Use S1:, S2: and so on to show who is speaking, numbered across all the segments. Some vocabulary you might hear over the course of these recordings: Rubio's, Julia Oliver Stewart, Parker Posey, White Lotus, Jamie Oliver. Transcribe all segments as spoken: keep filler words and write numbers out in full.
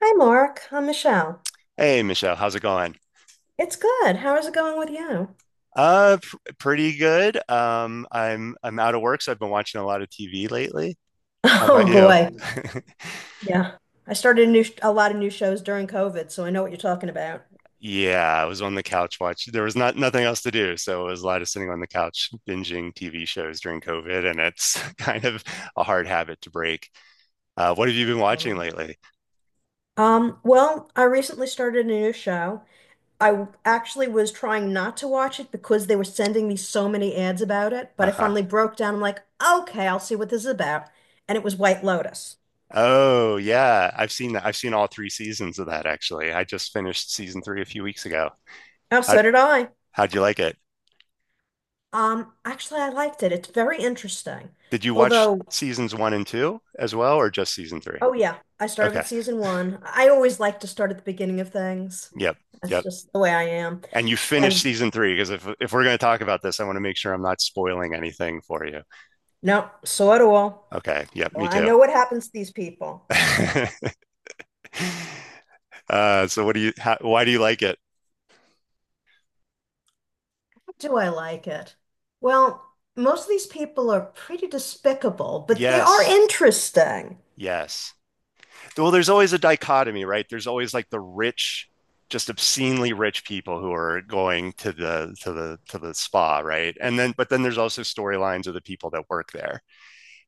S1: Hi, Mark. I'm Michelle.
S2: Hey Michelle, how's it going?
S1: It's good. How is it going with you?
S2: Uh, pr pretty good. Um, I'm I'm out of work, so I've been watching a lot of T V lately. How about
S1: Oh
S2: you?
S1: boy. Yeah. I started a new a lot of new shows during COVID, so I know what you're talking about.
S2: Yeah, I was on the couch watching. There was not nothing else to do, so it was a lot of sitting on the couch binging T V shows during COVID, and it's kind of a hard habit to break. Uh, what have you been watching
S1: Totally.
S2: lately?
S1: Um, well, I recently started a new show. I w- actually, was trying not to watch it because they were sending me so many ads about it, but I
S2: Uh-huh.
S1: finally broke down. I'm like, okay, I'll see what this is about. And it was White Lotus.
S2: Oh yeah, I've seen that. I've seen all three seasons of that actually. I just finished season three a few weeks ago.
S1: Oh,
S2: How
S1: so did I.
S2: how'd you like it?
S1: Um, actually, I liked it. It's very interesting.
S2: Did you watch
S1: Although
S2: seasons one and two as well, or just season three?
S1: oh yeah, I started
S2: Okay.
S1: with season one. I always like to start at the beginning of things.
S2: Yep.
S1: That's
S2: Yep.
S1: just the way I am.
S2: And you finished
S1: And
S2: season three because if if we're going to talk about this, I want to make sure I'm not spoiling anything for you.
S1: no, so do all.
S2: Okay. Yep.
S1: So
S2: Me
S1: I
S2: too.
S1: know what happens to these people.
S2: Uh, so what do you? How, why do you like it?
S1: Do I like it? Well, most of these people are pretty despicable, but they are
S2: Yes.
S1: interesting.
S2: Yes. Well, there's always a dichotomy, right? There's always like the rich, just obscenely rich people who are going to the to the to the spa, right? And then, but then there's also storylines of the people that work there.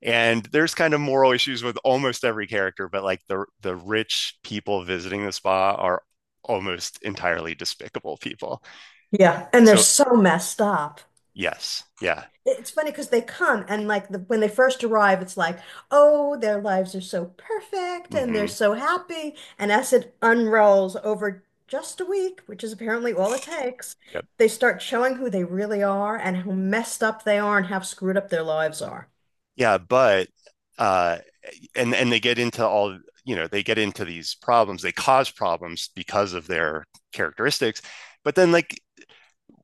S2: And there's kind of moral issues with almost every character, but like the the rich people visiting the spa are almost entirely despicable people.
S1: Yeah, and they're
S2: So
S1: so messed up.
S2: yes, yeah,
S1: It's funny because they come and like the, when they first arrive, it's like, oh, their lives are so perfect and they're
S2: hmm
S1: so happy. And as it unrolls over just a week, which is apparently all it takes,
S2: yep,
S1: they start showing who they really are and how messed up they are and how screwed up their lives are.
S2: yeah. But uh, and and they get into all you know they get into these problems. They cause problems because of their characteristics. But then, like,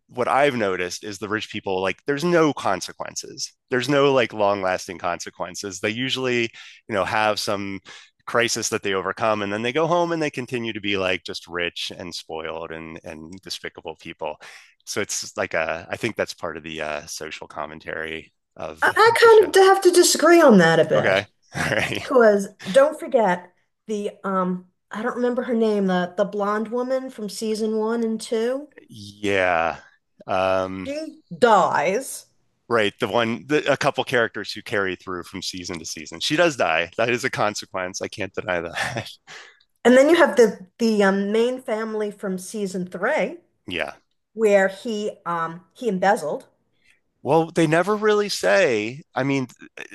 S2: what I've noticed is the rich people, like, there's no consequences. There's no like long lasting consequences. They usually, you know, have some crisis that they overcome and then they go home and they continue to be like just rich and spoiled and and despicable people, so it's like a, I think that's part of the uh, social commentary of
S1: I, I
S2: the show.
S1: kind of have to disagree on that a bit
S2: Okay. All right.
S1: because don't forget the um I don't remember her name, the the blonde woman from season one and two.
S2: Yeah. Um,
S1: She dies.
S2: right, the one, the, a couple characters who carry through from season to season. She does die. That is a consequence. I can't deny that.
S1: And then you have the the um, main family from season three,
S2: Yeah.
S1: where he um he embezzled.
S2: Well, they never really say. I mean,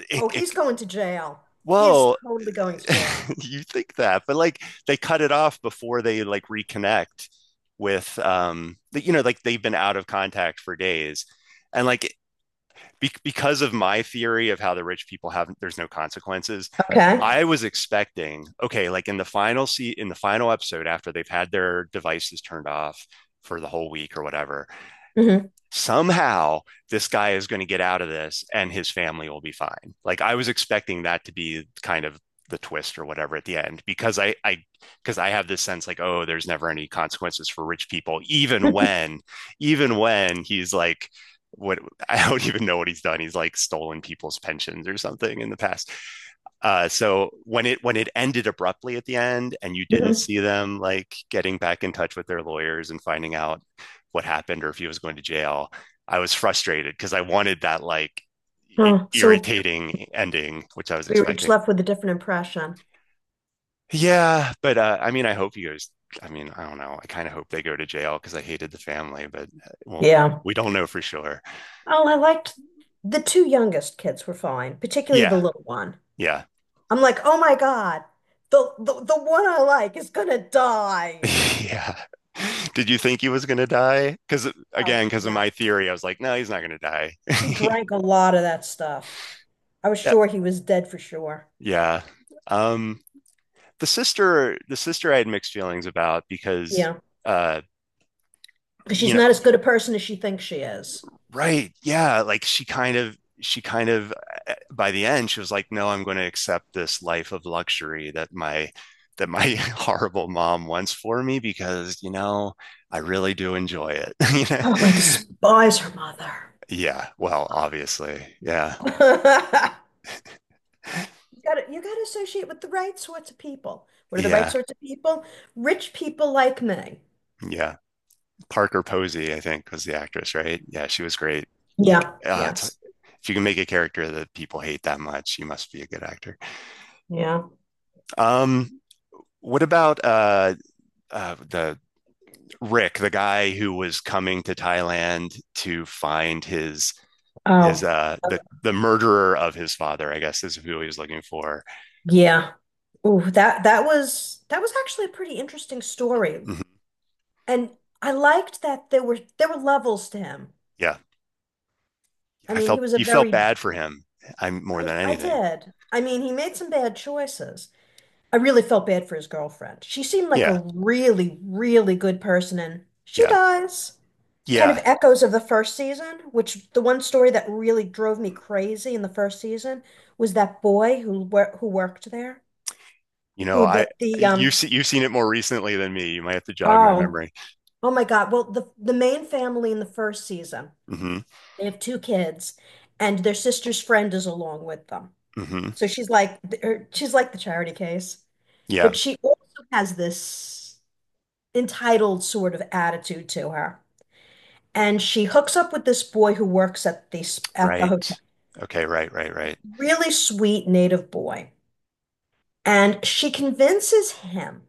S2: it,
S1: Oh,
S2: it
S1: he's going to jail. He is
S2: well,
S1: totally going to jail.
S2: you think that, but like they cut it off before they like reconnect with um, the, you know, like they've been out of contact for days. And like be- because of my theory of how the rich people have there's no consequences,
S1: Okay.
S2: I was expecting, okay, like in the final seat in the final episode after they've had their devices turned off for the whole week or whatever,
S1: Hmm.
S2: somehow this guy is going to get out of this and his family will be fine. Like I was expecting that to be kind of the twist or whatever at the end because I I because I have this sense like, oh, there's never any consequences for rich people, even when even when he's like what. I don't even know what he's done. He's like stolen people's pensions or something in the past. Uh, so when it when it ended abruptly at the end, and you didn't
S1: Hmm.
S2: see them like getting back in touch with their lawyers and finding out what happened or if he was going to jail, I was frustrated because I wanted that like i-
S1: Oh, so
S2: irritating ending, which I was
S1: we were each
S2: expecting.
S1: left with a different impression.
S2: Yeah, but uh, I mean, I hope he goes. I mean, I don't know. I kind of hope they go to jail because I hated the family, but uh, well,
S1: Yeah.
S2: we don't know for sure.
S1: Oh, I liked the two youngest kids were fine, particularly the
S2: Yeah,
S1: little one.
S2: yeah.
S1: I'm like, oh my God, the the, the one I like is gonna die.
S2: Yeah. Did you think he was gonna die? Because
S1: Oh
S2: again, because of
S1: yeah.
S2: my theory, I was like, no, he's not gonna die.
S1: He drank a lot of that stuff. I was
S2: Yeah,
S1: sure he was dead for sure.
S2: yeah. Um, the sister, the sister, I had mixed feelings about because,
S1: Yeah.
S2: uh,
S1: Because
S2: you
S1: she's
S2: know,
S1: not as good a person as she thinks she is.
S2: right? Yeah, like she kind of, she kind of, uh, by the end, she was like, no, I'm going to accept this life of luxury that my that my horrible mom wants for me because, you know, I really do enjoy it. You
S1: Oh, I
S2: know?
S1: despise her
S2: Yeah. Well,
S1: mother.
S2: obviously, yeah.
S1: You gotta, you gotta associate with the right sorts of people. What are the right
S2: Yeah,
S1: sorts of people? Rich people like me.
S2: yeah. Parker Posey, I think, was the actress, right? Yeah, she was great. Like,
S1: Yeah.
S2: uh, it's,
S1: Yes.
S2: if you can make a character that people hate that much, you must be a good actor.
S1: Yeah.
S2: Um, what about uh, uh, the Rick, the guy who was coming to Thailand to find his his
S1: Oh,
S2: uh the the murderer of his father? I guess is who he was looking for.
S1: yeah. Oh, that that was that was actually a pretty interesting story.
S2: Mhm.
S1: And I liked that there were there were levels to him.
S2: Yeah,
S1: I
S2: I
S1: mean, he
S2: felt
S1: was a
S2: you felt
S1: very
S2: bad for him. I'm more
S1: I
S2: than
S1: I
S2: anything.
S1: did. I mean, he made some bad choices. I really felt bad for his girlfriend. She seemed like a
S2: Yeah,
S1: really, really good person, and she
S2: yeah,
S1: dies. Kind of
S2: yeah.
S1: echoes of the first season, which the one story that really drove me crazy in the first season was that boy who wor who worked there,
S2: You know,
S1: who
S2: I
S1: the the
S2: you've
S1: um
S2: seen you've seen it more recently than me. You might have to jog my
S1: oh
S2: memory.
S1: oh my God. Well, the the main family in the first season,
S2: Hmm.
S1: they have two kids, and their sister's friend is along with them.
S2: Hmm.
S1: So she's like her, she's like the charity case,
S2: Yeah.
S1: but she also has this entitled sort of attitude to her. And she hooks up with this boy who works at the at the hotel.
S2: Right. Okay. Right. Right. Right.
S1: Really sweet native boy. And she convinces him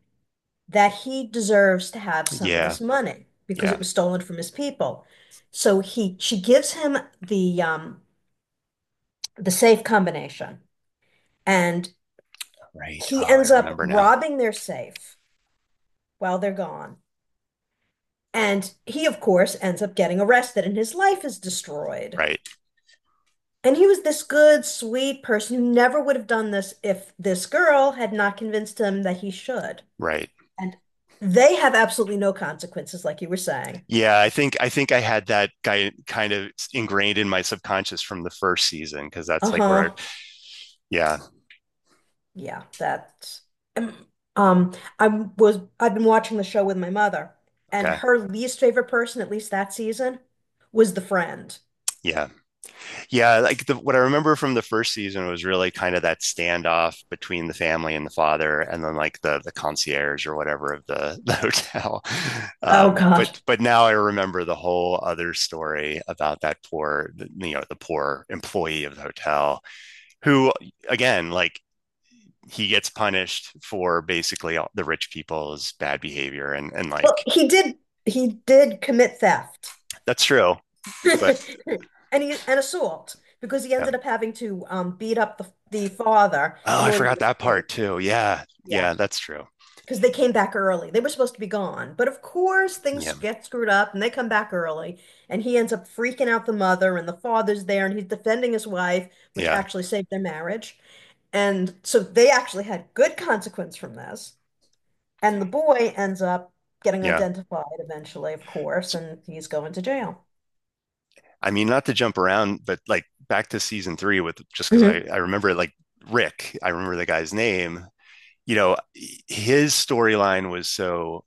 S1: that he deserves to have some of
S2: Yeah.
S1: this money because it
S2: Yeah.
S1: was stolen from his people. So he she gives him the um the safe combination and
S2: Right.
S1: he
S2: Oh, I
S1: ends up
S2: remember now.
S1: robbing their safe while they're gone. And he, of course, ends up getting arrested and his life is destroyed.
S2: Right.
S1: And he was this good, sweet person who never would have done this if this girl had not convinced him that he should.
S2: Right.
S1: And they have absolutely no consequences, like you were saying.
S2: Yeah. I think I think I had that guy kind of ingrained in my subconscious from the first season because that's like where I.
S1: Uh-huh.
S2: Yeah.
S1: Yeah, that's um um, I was I've been watching the show with my mother, and
S2: Okay.
S1: her least favorite person, at least that season, was the friend.
S2: Yeah. Yeah, like the, what I remember from the first season was really kind of that standoff between the family and the father, and then like the the concierge or whatever of the, the hotel.
S1: Oh
S2: Um,
S1: God.
S2: but but now I remember the whole other story about that poor, you know, the poor employee of the hotel who, again, like he gets punished for basically all the rich people's bad behavior, and and
S1: Well,
S2: like
S1: he did he did commit theft.
S2: that's true. But
S1: And he an assault because he
S2: yeah.
S1: ended up having to um, beat up the the father
S2: Oh,
S1: in
S2: I
S1: order to
S2: forgot that part
S1: escape.
S2: too. Yeah,
S1: Yeah,
S2: yeah, that's true.
S1: because they came back early. They were supposed to be gone, but of course things
S2: Yeah,
S1: get screwed up and they come back early. And he ends up freaking out the mother, and the father's there, and he's defending his wife, which
S2: yeah,
S1: actually saved their marriage. And so they actually had good consequence from this. And the boy ends up getting
S2: yeah.
S1: identified eventually, of course, and he's going to jail.
S2: I mean, not to jump around, but like back to season three with, just because I,
S1: Hmm.
S2: I remember like Rick, I remember the guy's name, you know, his storyline was so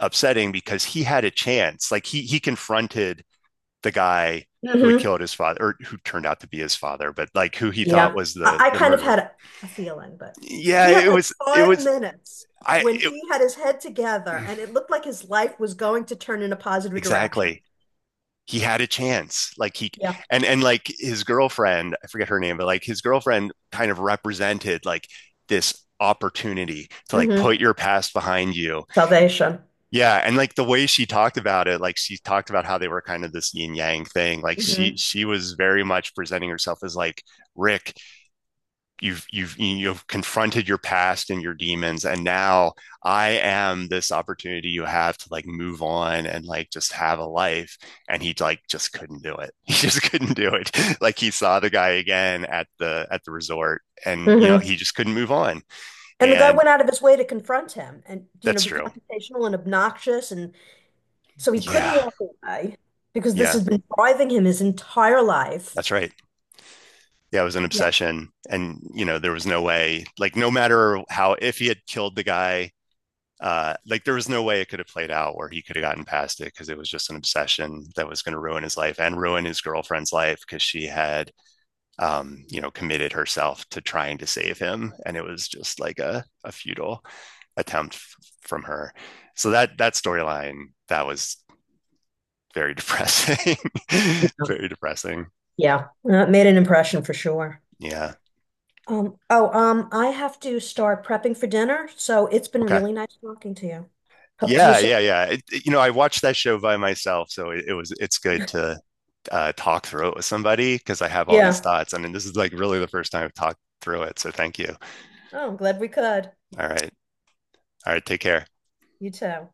S2: upsetting because he had a chance. Like he he confronted the guy who had
S1: Hmm.
S2: killed his father or who turned out to be his father, but like who he thought
S1: Yeah.
S2: was the
S1: I, I
S2: the
S1: kind of
S2: murderer.
S1: had a feeling, but
S2: Yeah,
S1: he had
S2: it
S1: like
S2: was it
S1: five
S2: was
S1: minutes
S2: I
S1: when
S2: it,
S1: he had his head together and it looked like his life was going to turn in a positive direction.
S2: exactly. He had a chance. Like he
S1: Yeah.
S2: and and like his girlfriend, I forget her name, but like his girlfriend kind of represented like this opportunity to like
S1: Hmm.
S2: put your past behind you.
S1: Salvation.
S2: Yeah. And like the way she talked about it, like she talked about how they were kind of this yin yang thing, like she
S1: Hmm.
S2: she was very much presenting herself as like, Rick, you've you've you've confronted your past and your demons, and now I am this opportunity you have to like move on and like just have a life. And he like just couldn't do it. He just couldn't do it. Like he saw the guy again at the at the resort and, you know,
S1: Hmm.
S2: he just couldn't move on.
S1: And the guy
S2: And
S1: went out of his way to confront him and, you know,
S2: that's
S1: be
S2: true.
S1: confrontational and obnoxious. And so he couldn't
S2: Yeah.
S1: walk away because this
S2: Yeah,
S1: has been driving him his entire life.
S2: that's right. Yeah, it was an
S1: Yeah.
S2: obsession. And, you know, there was no way, like, no matter how, if he had killed the guy, uh, like there was no way it could have played out where he could have gotten past it because it was just an obsession that was going to ruin his life and ruin his girlfriend's life because she had, um, you know, committed herself to trying to save him, and it was just like a, a futile attempt f- from her. So that that storyline, that was very depressing.
S1: Yeah.
S2: Very depressing.
S1: Yeah. Uh, It made an impression for sure.
S2: Yeah.
S1: Um, oh, um, I have to start prepping for dinner, so it's been
S2: Okay.
S1: really nice talking to you. Hope to do
S2: Yeah,
S1: so.
S2: yeah, yeah. It, it- you know, I watched that show by myself, so it, it was, it's good to uh, talk through it with somebody because I have all these
S1: Yeah.
S2: thoughts. I mean, this is like really the first time I've talked through it. So thank you.
S1: Oh, I'm glad we could.
S2: All right. All right. Take care.
S1: You too.